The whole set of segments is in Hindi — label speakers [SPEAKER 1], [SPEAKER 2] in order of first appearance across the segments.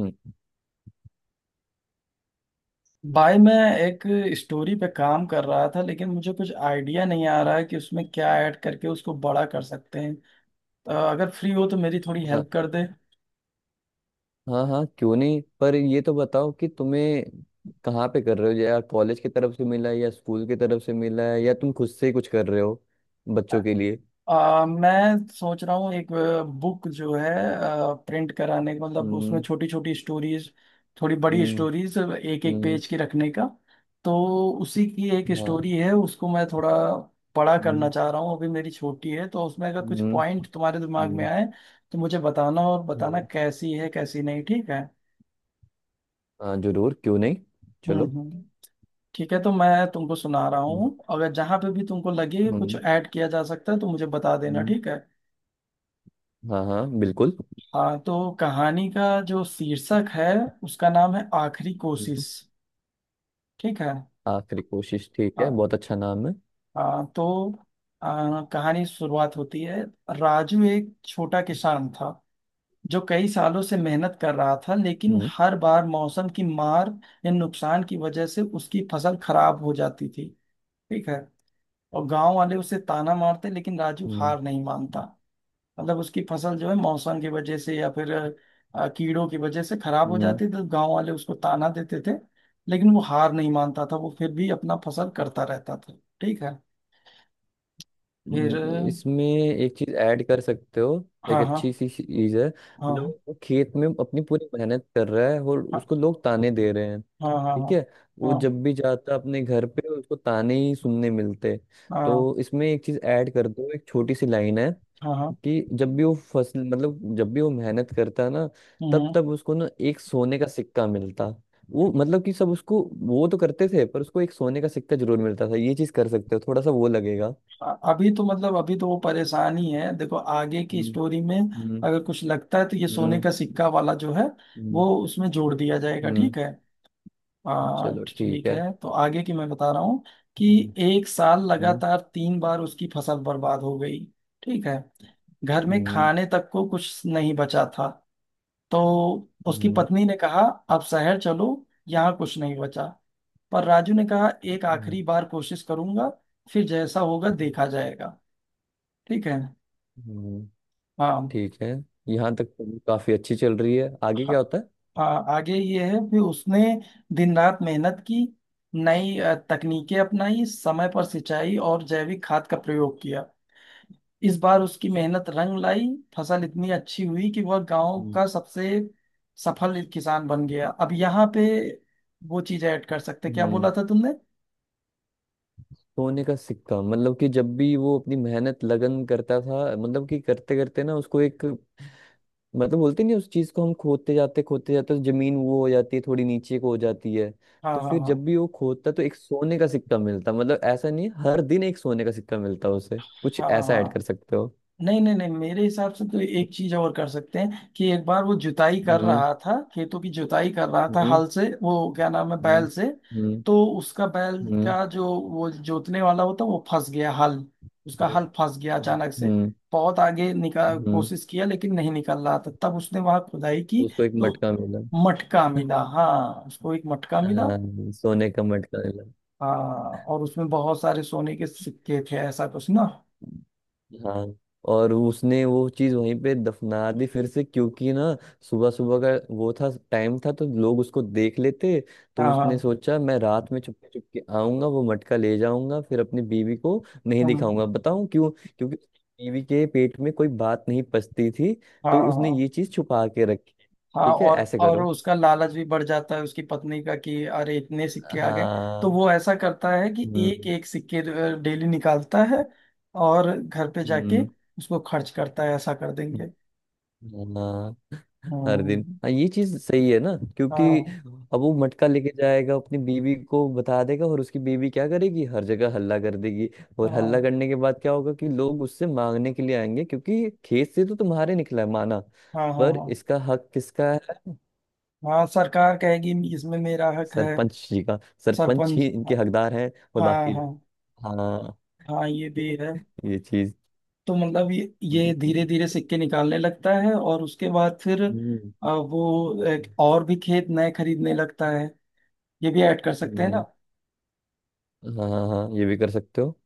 [SPEAKER 1] हम्म।
[SPEAKER 2] भाई, मैं एक स्टोरी पे काम कर रहा था लेकिन मुझे कुछ आइडिया नहीं आ रहा है कि उसमें क्या ऐड करके उसको बड़ा कर सकते हैं। तो अगर फ्री हो तो मेरी थोड़ी हेल्प
[SPEAKER 1] हाँ,
[SPEAKER 2] कर दे।
[SPEAKER 1] हाँ, हाँ, क्यों नहीं। पर ये तो बताओ कि तुम्हें कहाँ पे कर रहे हो, या कॉलेज की तरफ से मिला है या स्कूल की तरफ से मिला है या तुम खुद से ही कुछ कर रहे हो बच्चों के लिए।
[SPEAKER 2] मैं सोच रहा हूँ एक बुक जो है प्रिंट कराने का, मतलब उसमें
[SPEAKER 1] हम्म।
[SPEAKER 2] छोटी छोटी स्टोरीज, थोड़ी बड़ी
[SPEAKER 1] हम्म।
[SPEAKER 2] स्टोरीज एक एक
[SPEAKER 1] हम्म।
[SPEAKER 2] पेज की रखने का। तो उसी की एक
[SPEAKER 1] हाँ।
[SPEAKER 2] स्टोरी है, उसको मैं थोड़ा बड़ा करना
[SPEAKER 1] हम्म।
[SPEAKER 2] चाह रहा हूँ। अभी मेरी छोटी है, तो उसमें अगर कुछ
[SPEAKER 1] हम्म।
[SPEAKER 2] पॉइंट तुम्हारे दिमाग में
[SPEAKER 1] हम्म।
[SPEAKER 2] आए तो मुझे बताना और बताना
[SPEAKER 1] हम्म।
[SPEAKER 2] कैसी है कैसी नहीं। ठीक है।
[SPEAKER 1] हाँ, जरूर, क्यों नहीं।
[SPEAKER 2] हम्म।
[SPEAKER 1] चलो।
[SPEAKER 2] हम्म। ठीक है, तो मैं तुमको सुना रहा
[SPEAKER 1] हम्म।
[SPEAKER 2] हूँ। अगर जहाँ पे भी तुमको लगे कुछ
[SPEAKER 1] हम्म।
[SPEAKER 2] ऐड किया जा सकता है तो मुझे बता देना।
[SPEAKER 1] हम्म।
[SPEAKER 2] ठीक है।
[SPEAKER 1] हाँ, हाँ, बिल्कुल।
[SPEAKER 2] हाँ, तो कहानी का जो शीर्षक है उसका नाम है आखिरी
[SPEAKER 1] हम्म।
[SPEAKER 2] कोशिश। ठीक है।
[SPEAKER 1] आखिरी कोशिश, ठीक है,
[SPEAKER 2] हाँ।
[SPEAKER 1] बहुत अच्छा नाम है।
[SPEAKER 2] हाँ। तो कहानी शुरुआत होती है। राजू एक छोटा किसान था जो कई सालों से मेहनत कर रहा था, लेकिन
[SPEAKER 1] हम्म।
[SPEAKER 2] हर बार मौसम की मार या नुकसान की वजह से उसकी फसल खराब हो जाती थी। ठीक है। और गांव वाले उसे ताना मारते, लेकिन राजू
[SPEAKER 1] हम्म।
[SPEAKER 2] हार नहीं मानता। मतलब उसकी फसल जो है मौसम की वजह से या फिर कीड़ों की वजह से खराब हो
[SPEAKER 1] हम्म।
[SPEAKER 2] जाती, तो गांव वाले उसको ताना देते थे। लेकिन वो हार नहीं मानता था, वो फिर भी अपना फसल करता रहता था। ठीक है। फिर
[SPEAKER 1] हम्म। इसमें एक चीज ऐड कर सकते हो। एक
[SPEAKER 2] हाँ। हाँ।
[SPEAKER 1] अच्छी सी चीज है, मतलब
[SPEAKER 2] हाँ।
[SPEAKER 1] वो खेत में अपनी पूरी मेहनत कर रहा है और
[SPEAKER 2] हाँ।
[SPEAKER 1] उसको लोग ताने दे रहे हैं।
[SPEAKER 2] हाँ। हाँ।
[SPEAKER 1] ठीक
[SPEAKER 2] हाँ।
[SPEAKER 1] है। वो
[SPEAKER 2] हाँ।
[SPEAKER 1] जब भी जाता अपने घर पे उसको ताने ही सुनने मिलते,
[SPEAKER 2] हाँ।
[SPEAKER 1] तो इसमें एक चीज ऐड कर दो, एक छोटी सी लाइन है
[SPEAKER 2] हाँ। हाँ।
[SPEAKER 1] कि जब भी वो फसल मतलब जब भी वो मेहनत करता ना, तब
[SPEAKER 2] हम्म।
[SPEAKER 1] तब उसको ना एक सोने का सिक्का मिलता। वो मतलब कि सब उसको वो तो करते थे पर उसको एक सोने का सिक्का जरूर मिलता था। ये चीज कर सकते हो, थोड़ा सा वो लगेगा।
[SPEAKER 2] अभी तो मतलब अभी तो वो परेशान ही है, देखो आगे की स्टोरी में।
[SPEAKER 1] हम्म।
[SPEAKER 2] अगर कुछ लगता है तो ये सोने
[SPEAKER 1] हम्म।
[SPEAKER 2] का सिक्का वाला जो है वो
[SPEAKER 1] हम्म।
[SPEAKER 2] उसमें जोड़ दिया जाएगा।
[SPEAKER 1] हम्म।
[SPEAKER 2] ठीक है।
[SPEAKER 1] चलो, ठीक
[SPEAKER 2] ठीक
[SPEAKER 1] है।
[SPEAKER 2] है, तो आगे की मैं बता रहा हूँ कि
[SPEAKER 1] हम्म।
[SPEAKER 2] एक साल
[SPEAKER 1] हम्म।
[SPEAKER 2] लगातार 3 बार उसकी फसल बर्बाद हो गई। ठीक है। घर में
[SPEAKER 1] हम्म।
[SPEAKER 2] खाने तक को कुछ नहीं बचा था, तो उसकी
[SPEAKER 1] हम्म।
[SPEAKER 2] पत्नी ने कहा, अब शहर चलो, यहाँ कुछ नहीं बचा। पर राजू ने कहा, एक
[SPEAKER 1] हम्म।
[SPEAKER 2] आखिरी बार कोशिश करूंगा, फिर जैसा होगा देखा जाएगा। ठीक है।
[SPEAKER 1] हम्म।
[SPEAKER 2] हाँ।
[SPEAKER 1] ठीक है। यहाँ तक तो काफी अच्छी चल रही है, आगे क्या होता है?
[SPEAKER 2] हाँ, आगे ये है कि उसने दिन रात मेहनत की, नई तकनीकें अपनाई, समय पर सिंचाई और जैविक खाद का प्रयोग किया। इस बार उसकी मेहनत रंग लाई। फसल इतनी अच्छी हुई कि वह गांव
[SPEAKER 1] हम्म।
[SPEAKER 2] का सबसे सफल किसान बन गया। अब यहाँ पे वो चीज ऐड कर सकते, क्या
[SPEAKER 1] हम्म।
[SPEAKER 2] बोला था तुमने?
[SPEAKER 1] सोने का सिक्का, मतलब कि जब भी वो अपनी मेहनत लगन करता था, मतलब कि करते करते ना उसको एक मतलब, बोलते नहीं उस चीज को, हम खोदते जाते तो जमीन वो हो जाती है थोड़ी नीचे को हो जाती है,
[SPEAKER 2] हाँ।
[SPEAKER 1] तो
[SPEAKER 2] हाँ।
[SPEAKER 1] फिर
[SPEAKER 2] हाँ।
[SPEAKER 1] जब भी वो खोदता तो एक सोने का सिक्का मिलता। मतलब ऐसा नहीं है, हर दिन एक सोने का सिक्का मिलता उसे, कुछ
[SPEAKER 2] हाँ। हाँ।
[SPEAKER 1] ऐसा ऐड कर
[SPEAKER 2] हाँ।
[SPEAKER 1] सकते हो।
[SPEAKER 2] नहीं, नहीं, नहीं, मेरे हिसाब से तो एक चीज और कर सकते हैं कि एक बार वो जुताई कर
[SPEAKER 1] हम्म।
[SPEAKER 2] रहा था, खेतों की जुताई कर रहा था,
[SPEAKER 1] हम्म।
[SPEAKER 2] हल से, वो क्या नाम है,
[SPEAKER 1] हम्म।
[SPEAKER 2] बैल से।
[SPEAKER 1] हम्म।
[SPEAKER 2] तो उसका बैल
[SPEAKER 1] हम्म।
[SPEAKER 2] का जो वो जोतने वाला होता वो फंस गया, हल, उसका हल
[SPEAKER 1] हम्म।
[SPEAKER 2] फंस गया अचानक से।
[SPEAKER 1] हम्म।
[SPEAKER 2] बहुत आगे निकाल
[SPEAKER 1] हम्म। हम्म।
[SPEAKER 2] कोशिश किया लेकिन नहीं निकल रहा था, तब उसने वहां खुदाई
[SPEAKER 1] तो
[SPEAKER 2] की।
[SPEAKER 1] उसको एक
[SPEAKER 2] तो
[SPEAKER 1] मटका मिला।
[SPEAKER 2] मटका मिला। हाँ, उसको एक मटका मिला।
[SPEAKER 1] हाँ, सोने का मटका मिला।
[SPEAKER 2] हाँ, और उसमें बहुत सारे सोने के सिक्के थे, ऐसा कुछ ना।
[SPEAKER 1] हाँ। और उसने वो चीज वहीं पे दफना दी फिर से, क्योंकि ना सुबह सुबह का वो था, टाइम था, तो लोग उसको देख लेते। तो
[SPEAKER 2] हाँ।
[SPEAKER 1] उसने
[SPEAKER 2] हाँ।
[SPEAKER 1] सोचा, मैं रात में चुपके चुपके आऊंगा, वो मटका ले जाऊंगा, फिर अपनी बीवी को नहीं
[SPEAKER 2] हम्म।
[SPEAKER 1] दिखाऊंगा, बताऊं क्यों? क्योंकि उसकी बीवी के पेट में कोई बात नहीं पचती थी।
[SPEAKER 2] हाँ।
[SPEAKER 1] तो उसने
[SPEAKER 2] हाँ।
[SPEAKER 1] ये चीज छुपा के रखी।
[SPEAKER 2] हाँ।
[SPEAKER 1] ठीक है,
[SPEAKER 2] और
[SPEAKER 1] ऐसे
[SPEAKER 2] और
[SPEAKER 1] करो।
[SPEAKER 2] उसका लालच भी बढ़ जाता है उसकी पत्नी का, कि अरे इतने सिक्के आ गए। तो
[SPEAKER 1] हाँ।
[SPEAKER 2] वो ऐसा करता है कि एक
[SPEAKER 1] हम्म।
[SPEAKER 2] एक सिक्के डेली निकालता है, और घर पे जाके
[SPEAKER 1] हम्म।
[SPEAKER 2] उसको खर्च करता है, ऐसा कर देंगे।
[SPEAKER 1] हाँ, हर दिन,
[SPEAKER 2] हम्म।
[SPEAKER 1] हाँ, ये चीज सही है ना? क्योंकि
[SPEAKER 2] हाँ।
[SPEAKER 1] अब वो मटका लेके जाएगा, अपनी बीवी को बता देगा, और उसकी बीवी क्या करेगी? हर जगह हल्ला कर देगी। और हल्ला
[SPEAKER 2] हाँ।
[SPEAKER 1] करने के बाद क्या होगा कि लोग उससे मांगने के लिए आएंगे, क्योंकि खेत से तो तुम्हारे निकला है माना,
[SPEAKER 2] हाँ। हाँ।
[SPEAKER 1] पर
[SPEAKER 2] हाँ।
[SPEAKER 1] इसका हक किसका है?
[SPEAKER 2] हाँ। सरकार कहेगी इसमें मेरा हक है।
[SPEAKER 1] सरपंच जी का। सरपंच ही
[SPEAKER 2] सरपंच।
[SPEAKER 1] इनके
[SPEAKER 2] हाँ।
[SPEAKER 1] हकदार हैं और
[SPEAKER 2] हाँ।
[SPEAKER 1] बाकी
[SPEAKER 2] हाँ।
[SPEAKER 1] लोग। हाँ।
[SPEAKER 2] हाँ, ये भी है।
[SPEAKER 1] ये चीज।
[SPEAKER 2] तो मतलब ये
[SPEAKER 1] हम्म
[SPEAKER 2] धीरे धीरे सिक्के निकालने लगता है, और उसके बाद फिर
[SPEAKER 1] हम्म।
[SPEAKER 2] वो एक और भी खेत नए खरीदने लगता है। ये भी ऐड कर सकते हैं ना।
[SPEAKER 1] हम्म। हाँ, हाँ, हाँ, ये भी कर सकते हो।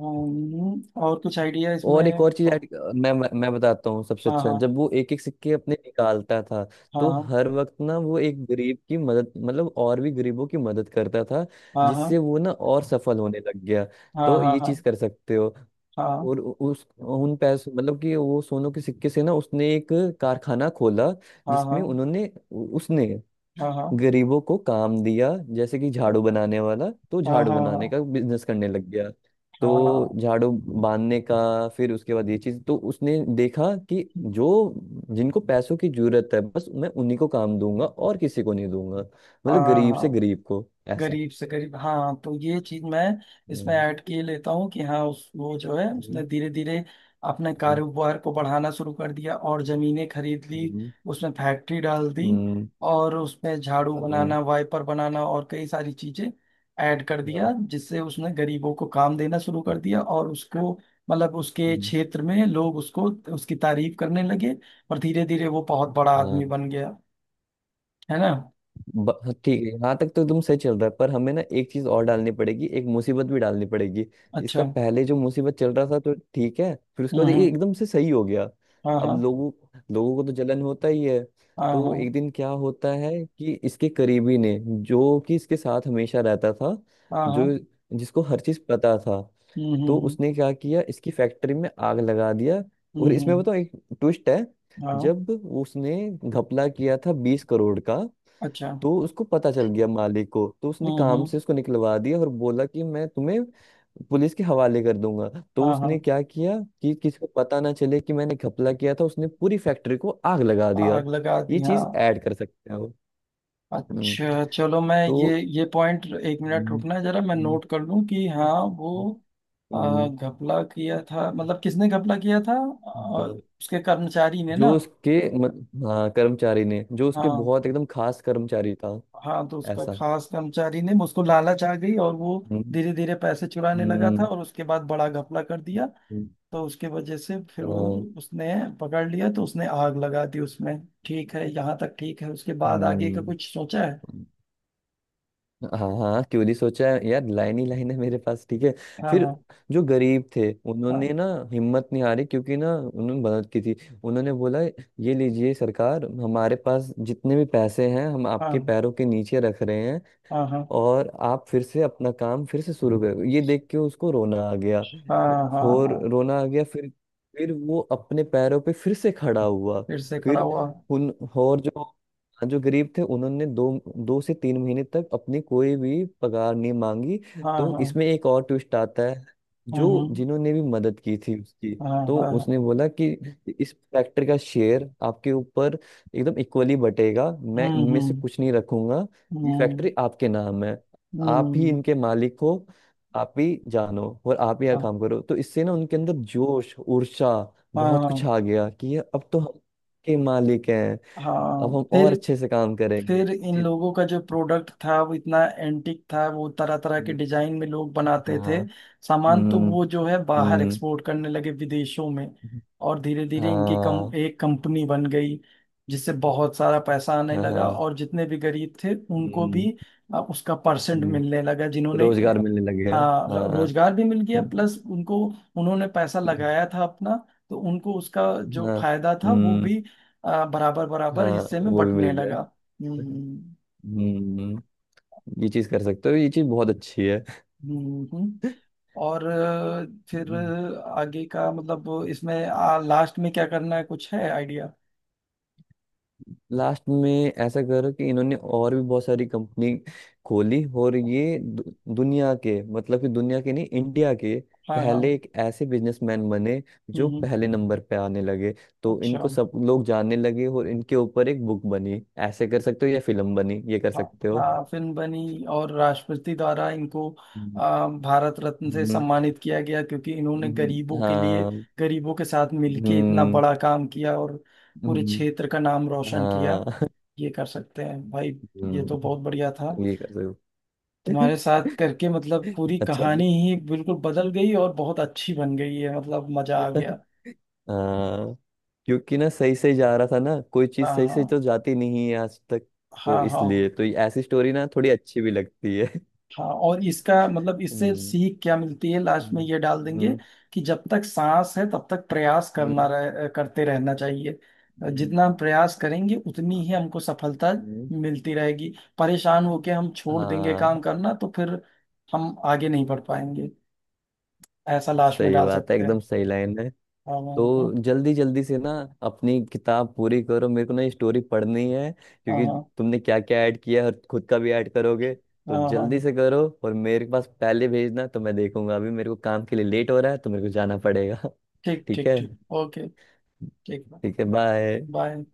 [SPEAKER 2] हम्म। और कुछ आइडिया इसमें?
[SPEAKER 1] और एक और चीज
[SPEAKER 2] हाँ।
[SPEAKER 1] ऐड। मैं मैं बताता हूँ सबसे अच्छा,
[SPEAKER 2] हाँ।
[SPEAKER 1] जब वो एक एक सिक्के अपने निकालता था, तो
[SPEAKER 2] हाँ।
[SPEAKER 1] हर वक्त ना वो एक गरीब की मदद मतलब और भी गरीबों की मदद करता था,
[SPEAKER 2] हाँ। हाँ।
[SPEAKER 1] जिससे
[SPEAKER 2] हाँ।
[SPEAKER 1] वो ना और सफल होने लग गया।
[SPEAKER 2] हाँ।
[SPEAKER 1] तो ये चीज
[SPEAKER 2] हाँ।
[SPEAKER 1] कर सकते हो।
[SPEAKER 2] हाँ।
[SPEAKER 1] और उस उन पैसे मतलब कि वो सोनों के सिक्के से ना उसने एक कारखाना खोला, जिसमें
[SPEAKER 2] हाँ।
[SPEAKER 1] उन्होंने उसने
[SPEAKER 2] हाँ। हाँ। हाँ।
[SPEAKER 1] गरीबों को काम दिया। जैसे कि झाड़ू बनाने वाला, तो
[SPEAKER 2] हाँ।
[SPEAKER 1] झाड़ू
[SPEAKER 2] हाँ।
[SPEAKER 1] बनाने
[SPEAKER 2] हाँ।
[SPEAKER 1] का बिजनेस करने लग गया,
[SPEAKER 2] हाँ।
[SPEAKER 1] तो
[SPEAKER 2] हाँ।
[SPEAKER 1] झाड़ू बांधने का। फिर उसके बाद ये चीज तो उसने देखा कि जो जिनको पैसों की जरूरत है बस मैं उन्हीं को काम दूंगा और किसी को नहीं दूंगा,
[SPEAKER 2] हाँ।
[SPEAKER 1] मतलब
[SPEAKER 2] हाँ। हाँ।
[SPEAKER 1] गरीब से
[SPEAKER 2] हाँ।
[SPEAKER 1] गरीब को ऐसा।
[SPEAKER 2] गरीब से गरीब। हाँ, तो ये चीज मैं इसमें
[SPEAKER 1] हम्म।
[SPEAKER 2] ऐड किए लेता हूँ कि हाँ, उस वो जो है उसने
[SPEAKER 1] हम्म।
[SPEAKER 2] धीरे धीरे अपने
[SPEAKER 1] हम्म।
[SPEAKER 2] कारोबार को बढ़ाना शुरू कर दिया और जमीनें खरीद ली।
[SPEAKER 1] हम्म।
[SPEAKER 2] उसमें फैक्ट्री डाल दी,
[SPEAKER 1] हम्म।
[SPEAKER 2] और उसमें झाड़ू
[SPEAKER 1] हम्म।
[SPEAKER 2] बनाना, वाइपर बनाना और कई सारी चीजें ऐड कर
[SPEAKER 1] हाँ।
[SPEAKER 2] दिया, जिससे उसने गरीबों को काम देना शुरू कर दिया, और उसको, मतलब उसके
[SPEAKER 1] हम्म।
[SPEAKER 2] क्षेत्र में लोग उसको उसकी तारीफ करने लगे। और धीरे धीरे वो बहुत बड़ा आदमी
[SPEAKER 1] हाँ।
[SPEAKER 2] बन गया। है ना।
[SPEAKER 1] हाँ, ठीक है, यहाँ तक तो तुम सही चल रहा है, पर हमें ना एक चीज और डालनी पड़ेगी, एक मुसीबत भी डालनी पड़ेगी।
[SPEAKER 2] अच्छा।
[SPEAKER 1] इसका पहले जो मुसीबत चल रहा था तो ठीक है, फिर उसके
[SPEAKER 2] हम्म।
[SPEAKER 1] बाद ये
[SPEAKER 2] हम्म।
[SPEAKER 1] एकदम से सही हो गया।
[SPEAKER 2] हाँ।
[SPEAKER 1] अब
[SPEAKER 2] हाँ।
[SPEAKER 1] लोगों लोगों को तो जलन होता ही है।
[SPEAKER 2] हाँ।
[SPEAKER 1] तो
[SPEAKER 2] हाँ।
[SPEAKER 1] एक दिन क्या होता है कि इसके करीबी ने, जो कि इसके साथ हमेशा रहता था,
[SPEAKER 2] हाँ। हाँ।
[SPEAKER 1] जो जिसको हर चीज पता था,
[SPEAKER 2] हम्म। हम्म।
[SPEAKER 1] तो
[SPEAKER 2] हम्म।
[SPEAKER 1] उसने क्या किया, इसकी फैक्ट्री में आग लगा दिया।
[SPEAKER 2] हम्म।
[SPEAKER 1] और इसमें
[SPEAKER 2] हम्म।
[SPEAKER 1] बताओ, एक ट्विस्ट है।
[SPEAKER 2] हाँ।
[SPEAKER 1] जब उसने घपला किया था 20 करोड़ का,
[SPEAKER 2] अच्छा।
[SPEAKER 1] तो उसको पता चल गया मालिक को, तो उसने
[SPEAKER 2] हम्म।
[SPEAKER 1] काम से
[SPEAKER 2] हम्म।
[SPEAKER 1] उसको निकलवा दिया और बोला कि मैं तुम्हें पुलिस के हवाले कर दूंगा। तो
[SPEAKER 2] हाँ। हाँ,
[SPEAKER 1] उसने क्या किया कि किसी को पता ना चले कि मैंने घपला किया था, उसने पूरी फैक्ट्री को आग लगा दिया।
[SPEAKER 2] आग लगा दी।
[SPEAKER 1] ये
[SPEAKER 2] हाँ।
[SPEAKER 1] चीज ऐड कर सकते हो। हम्म।
[SPEAKER 2] अच्छा चलो, मैं ये
[SPEAKER 1] तो
[SPEAKER 2] ये पॉइंट 1 मिनट
[SPEAKER 1] हम्म।
[SPEAKER 2] रुकना, जरा मैं
[SPEAKER 1] हम्म।
[SPEAKER 2] नोट कर लूं कि हाँ, वो
[SPEAKER 1] हम्म।
[SPEAKER 2] घपला किया था, मतलब किसने घपला किया था?
[SPEAKER 1] हम्म।
[SPEAKER 2] उसके कर्मचारी ने ना।
[SPEAKER 1] जो उसके हाँ, कर्मचारी ने, जो उसके
[SPEAKER 2] हाँ।
[SPEAKER 1] बहुत एकदम खास कर्मचारी था।
[SPEAKER 2] हाँ, तो उसका
[SPEAKER 1] ऐसा।
[SPEAKER 2] खास कर्मचारी ने, उसको लालच आ गई और वो
[SPEAKER 1] हम्म।
[SPEAKER 2] धीरे धीरे पैसे चुराने लगा था
[SPEAKER 1] हम्म।
[SPEAKER 2] और उसके बाद बड़ा घपला कर दिया।
[SPEAKER 1] हम्म।
[SPEAKER 2] तो उसके वजह से फिर वो,
[SPEAKER 1] हाँ।
[SPEAKER 2] उसने पकड़ लिया तो उसने आग लगा दी उसमें। ठीक है, यहाँ तक ठीक है। उसके बाद आगे का
[SPEAKER 1] हम्म।
[SPEAKER 2] कुछ सोचा है?
[SPEAKER 1] हाँ, हाँ क्यों नहीं सोचा है? यार, लाइन ही लाइन है मेरे पास। ठीक है।
[SPEAKER 2] हाँ।
[SPEAKER 1] फिर
[SPEAKER 2] हाँ।
[SPEAKER 1] जो गरीब थे उन्होंने ना हिम्मत नहीं हारी, क्योंकि ना उन्होंने मदद की थी। उन्होंने बोला, ये लीजिए सरकार, हमारे पास जितने भी पैसे हैं हम आपके
[SPEAKER 2] हाँ।
[SPEAKER 1] पैरों के नीचे रख रहे हैं।
[SPEAKER 2] हाँ। हाँ। हाँ।
[SPEAKER 1] और आप फिर से अपना काम फिर से शुरू करो, ये देख के उसको रोना आ गया।
[SPEAKER 2] हाँ। हाँ।
[SPEAKER 1] और
[SPEAKER 2] हाँ।
[SPEAKER 1] रोना आ गया, फिर वो अपने पैरों पे फिर से खड़ा हुआ।
[SPEAKER 2] फिर से खड़ा
[SPEAKER 1] फिर
[SPEAKER 2] हुआ।
[SPEAKER 1] उन और जो, हाँ, जो गरीब थे उन्होंने दो दो से तीन महीने तक अपनी कोई भी पगार नहीं मांगी।
[SPEAKER 2] हाँ।
[SPEAKER 1] तो
[SPEAKER 2] हाँ।
[SPEAKER 1] इसमें एक और ट्विस्ट आता है।
[SPEAKER 2] हम्म।
[SPEAKER 1] जो
[SPEAKER 2] हम्म।
[SPEAKER 1] जिन्होंने भी मदद की थी उसकी,
[SPEAKER 2] हाँ।
[SPEAKER 1] तो
[SPEAKER 2] हाँ। हाँ।
[SPEAKER 1] उसने बोला कि इस फैक्ट्री का शेयर आपके ऊपर एकदम इक्वली बटेगा, मैं
[SPEAKER 2] हम्म।
[SPEAKER 1] इनमें से
[SPEAKER 2] हम्म।
[SPEAKER 1] कुछ नहीं रखूंगा। ये
[SPEAKER 2] हम्म।
[SPEAKER 1] फैक्ट्री आपके नाम है, आप ही
[SPEAKER 2] हम्म।
[SPEAKER 1] इनके मालिक हो, आप ही जानो और आप ही यहाँ
[SPEAKER 2] हाँ।
[SPEAKER 1] काम करो। तो इससे ना उनके अंदर जोश, ऊर्जा, बहुत कुछ
[SPEAKER 2] हाँ।
[SPEAKER 1] आ गया कि ये अब तो हम के मालिक हैं, अब
[SPEAKER 2] हाँ।
[SPEAKER 1] हम और अच्छे से काम करेंगे।
[SPEAKER 2] फिर
[SPEAKER 1] ये
[SPEAKER 2] इन
[SPEAKER 1] चीज़-
[SPEAKER 2] लोगों का जो प्रोडक्ट था वो इतना एंटिक था, वो तरह तरह के
[SPEAKER 1] हम्म।
[SPEAKER 2] डिजाइन में लोग बनाते थे।
[SPEAKER 1] हाँ।
[SPEAKER 2] सामान तो
[SPEAKER 1] हम्म।
[SPEAKER 2] वो जो है बाहर
[SPEAKER 1] हम्म।
[SPEAKER 2] एक्सपोर्ट करने लगे विदेशों में। और धीरे धीरे इनकी कम
[SPEAKER 1] हाँ,
[SPEAKER 2] एक कंपनी बन गई, जिससे बहुत सारा पैसा आने
[SPEAKER 1] हाँ,
[SPEAKER 2] लगा,
[SPEAKER 1] हाँ।
[SPEAKER 2] और जितने भी गरीब थे उनको
[SPEAKER 1] हम्म।
[SPEAKER 2] भी उसका परसेंट
[SPEAKER 1] हम्म।
[SPEAKER 2] मिलने लगा, जिन्होंने
[SPEAKER 1] रोजगार मिलने लग गया।
[SPEAKER 2] हाँ,
[SPEAKER 1] हाँ।
[SPEAKER 2] रोजगार भी मिल गया,
[SPEAKER 1] हम्म।
[SPEAKER 2] प्लस उनको, उन्होंने पैसा
[SPEAKER 1] हम्म।
[SPEAKER 2] लगाया था अपना, तो उनको उसका जो
[SPEAKER 1] हाँ।
[SPEAKER 2] फायदा था वो
[SPEAKER 1] हम्म।
[SPEAKER 2] भी बराबर बराबर
[SPEAKER 1] हाँ,
[SPEAKER 2] हिस्से में
[SPEAKER 1] वो भी मिल
[SPEAKER 2] बंटने
[SPEAKER 1] गया।
[SPEAKER 2] लगा। हम्म।
[SPEAKER 1] हम्म। ये चीज कर सकते हो, ये चीज बहुत अच्छी है।
[SPEAKER 2] हम्म। हम्म। और फिर आगे का मतलब इसमें लास्ट में क्या करना है, कुछ है आइडिया?
[SPEAKER 1] लास्ट में ऐसा करो कि इन्होंने और भी बहुत सारी कंपनी खोली, और ये दुनिया के, मतलब कि दुनिया के नहीं, इंडिया के
[SPEAKER 2] हाँ। हाँ।
[SPEAKER 1] पहले एक ऐसे बिजनेसमैन बने
[SPEAKER 2] हम्म।
[SPEAKER 1] जो
[SPEAKER 2] हम्म।
[SPEAKER 1] पहले नंबर पे आने लगे। तो
[SPEAKER 2] अच्छा।
[SPEAKER 1] इनको सब लोग जानने लगे और इनके ऊपर एक बुक बनी, ऐसे कर सकते हो, या फिल्म बनी, ये कर
[SPEAKER 2] हाँ।
[SPEAKER 1] सकते हो।
[SPEAKER 2] हाँ, फिल्म बनी और राष्ट्रपति द्वारा इनको
[SPEAKER 1] हम्म।
[SPEAKER 2] भारत रत्न से
[SPEAKER 1] हम्म।
[SPEAKER 2] सम्मानित किया गया क्योंकि इन्होंने
[SPEAKER 1] हम्म।
[SPEAKER 2] गरीबों के लिए,
[SPEAKER 1] हाँ।
[SPEAKER 2] गरीबों के साथ मिलके इतना
[SPEAKER 1] हम्म।
[SPEAKER 2] बड़ा काम किया और पूरे
[SPEAKER 1] हम्म।
[SPEAKER 2] क्षेत्र का नाम रोशन
[SPEAKER 1] हाँ।
[SPEAKER 2] किया। ये कर सकते हैं भाई। ये तो
[SPEAKER 1] हम्म।
[SPEAKER 2] बहुत बढ़िया था,
[SPEAKER 1] ये कर सकते हो।
[SPEAKER 2] तुम्हारे साथ करके मतलब पूरी
[SPEAKER 1] अच्छा,
[SPEAKER 2] कहानी
[SPEAKER 1] तो
[SPEAKER 2] ही बिल्कुल बदल गई और बहुत अच्छी बन गई है, मतलब मजा आ गया।
[SPEAKER 1] हाँ। क्योंकि ना सही सही जा रहा था ना, कोई चीज
[SPEAKER 2] हाँ।
[SPEAKER 1] सही से
[SPEAKER 2] हाँ।
[SPEAKER 1] तो जाती नहीं है आज तक। तो
[SPEAKER 2] हाँ। हाँ।
[SPEAKER 1] इसलिए तो ये ऐसी स्टोरी ना थोड़ी अच्छी भी लगती है।
[SPEAKER 2] हाँ। और इसका मतलब इससे
[SPEAKER 1] हम्म।
[SPEAKER 2] सीख क्या मिलती है लास्ट में
[SPEAKER 1] हम्म।
[SPEAKER 2] ये डाल देंगे,
[SPEAKER 1] हम्म।
[SPEAKER 2] कि जब तक सांस है तब तक प्रयास करना
[SPEAKER 1] हम्म।
[SPEAKER 2] करते रहना चाहिए।
[SPEAKER 1] हम्म।
[SPEAKER 2] जितना हम प्रयास करेंगे उतनी
[SPEAKER 1] हाँ।
[SPEAKER 2] ही हमको सफलता
[SPEAKER 1] हम्म।
[SPEAKER 2] मिलती रहेगी। परेशान होके हम छोड़ देंगे
[SPEAKER 1] हाँ,
[SPEAKER 2] काम करना तो फिर हम आगे नहीं बढ़ पाएंगे। ऐसा लास्ट में
[SPEAKER 1] सही
[SPEAKER 2] डाल
[SPEAKER 1] बात है,
[SPEAKER 2] सकते
[SPEAKER 1] एकदम
[SPEAKER 2] हैं।
[SPEAKER 1] सही लाइन।
[SPEAKER 2] हाँ। हाँ।
[SPEAKER 1] तो
[SPEAKER 2] हाँ।
[SPEAKER 1] जल्दी जल्दी से ना अपनी किताब पूरी करो, मेरे को ना ये स्टोरी पढ़नी है,
[SPEAKER 2] हाँ।
[SPEAKER 1] क्योंकि
[SPEAKER 2] हाँ।
[SPEAKER 1] तुमने क्या क्या ऐड किया है और खुद का भी ऐड करोगे। तो
[SPEAKER 2] हाँ। हाँ।
[SPEAKER 1] जल्दी
[SPEAKER 2] हाँ।
[SPEAKER 1] से करो और मेरे पास पहले भेजना, तो मैं देखूंगा। अभी मेरे को काम के लिए लेट हो रहा है तो मेरे को जाना पड़ेगा।
[SPEAKER 2] ठीक।
[SPEAKER 1] ठीक
[SPEAKER 2] ठीक।
[SPEAKER 1] है।
[SPEAKER 2] ठीक। ओके। ठीक।
[SPEAKER 1] ठीक है, बाय।
[SPEAKER 2] बाय।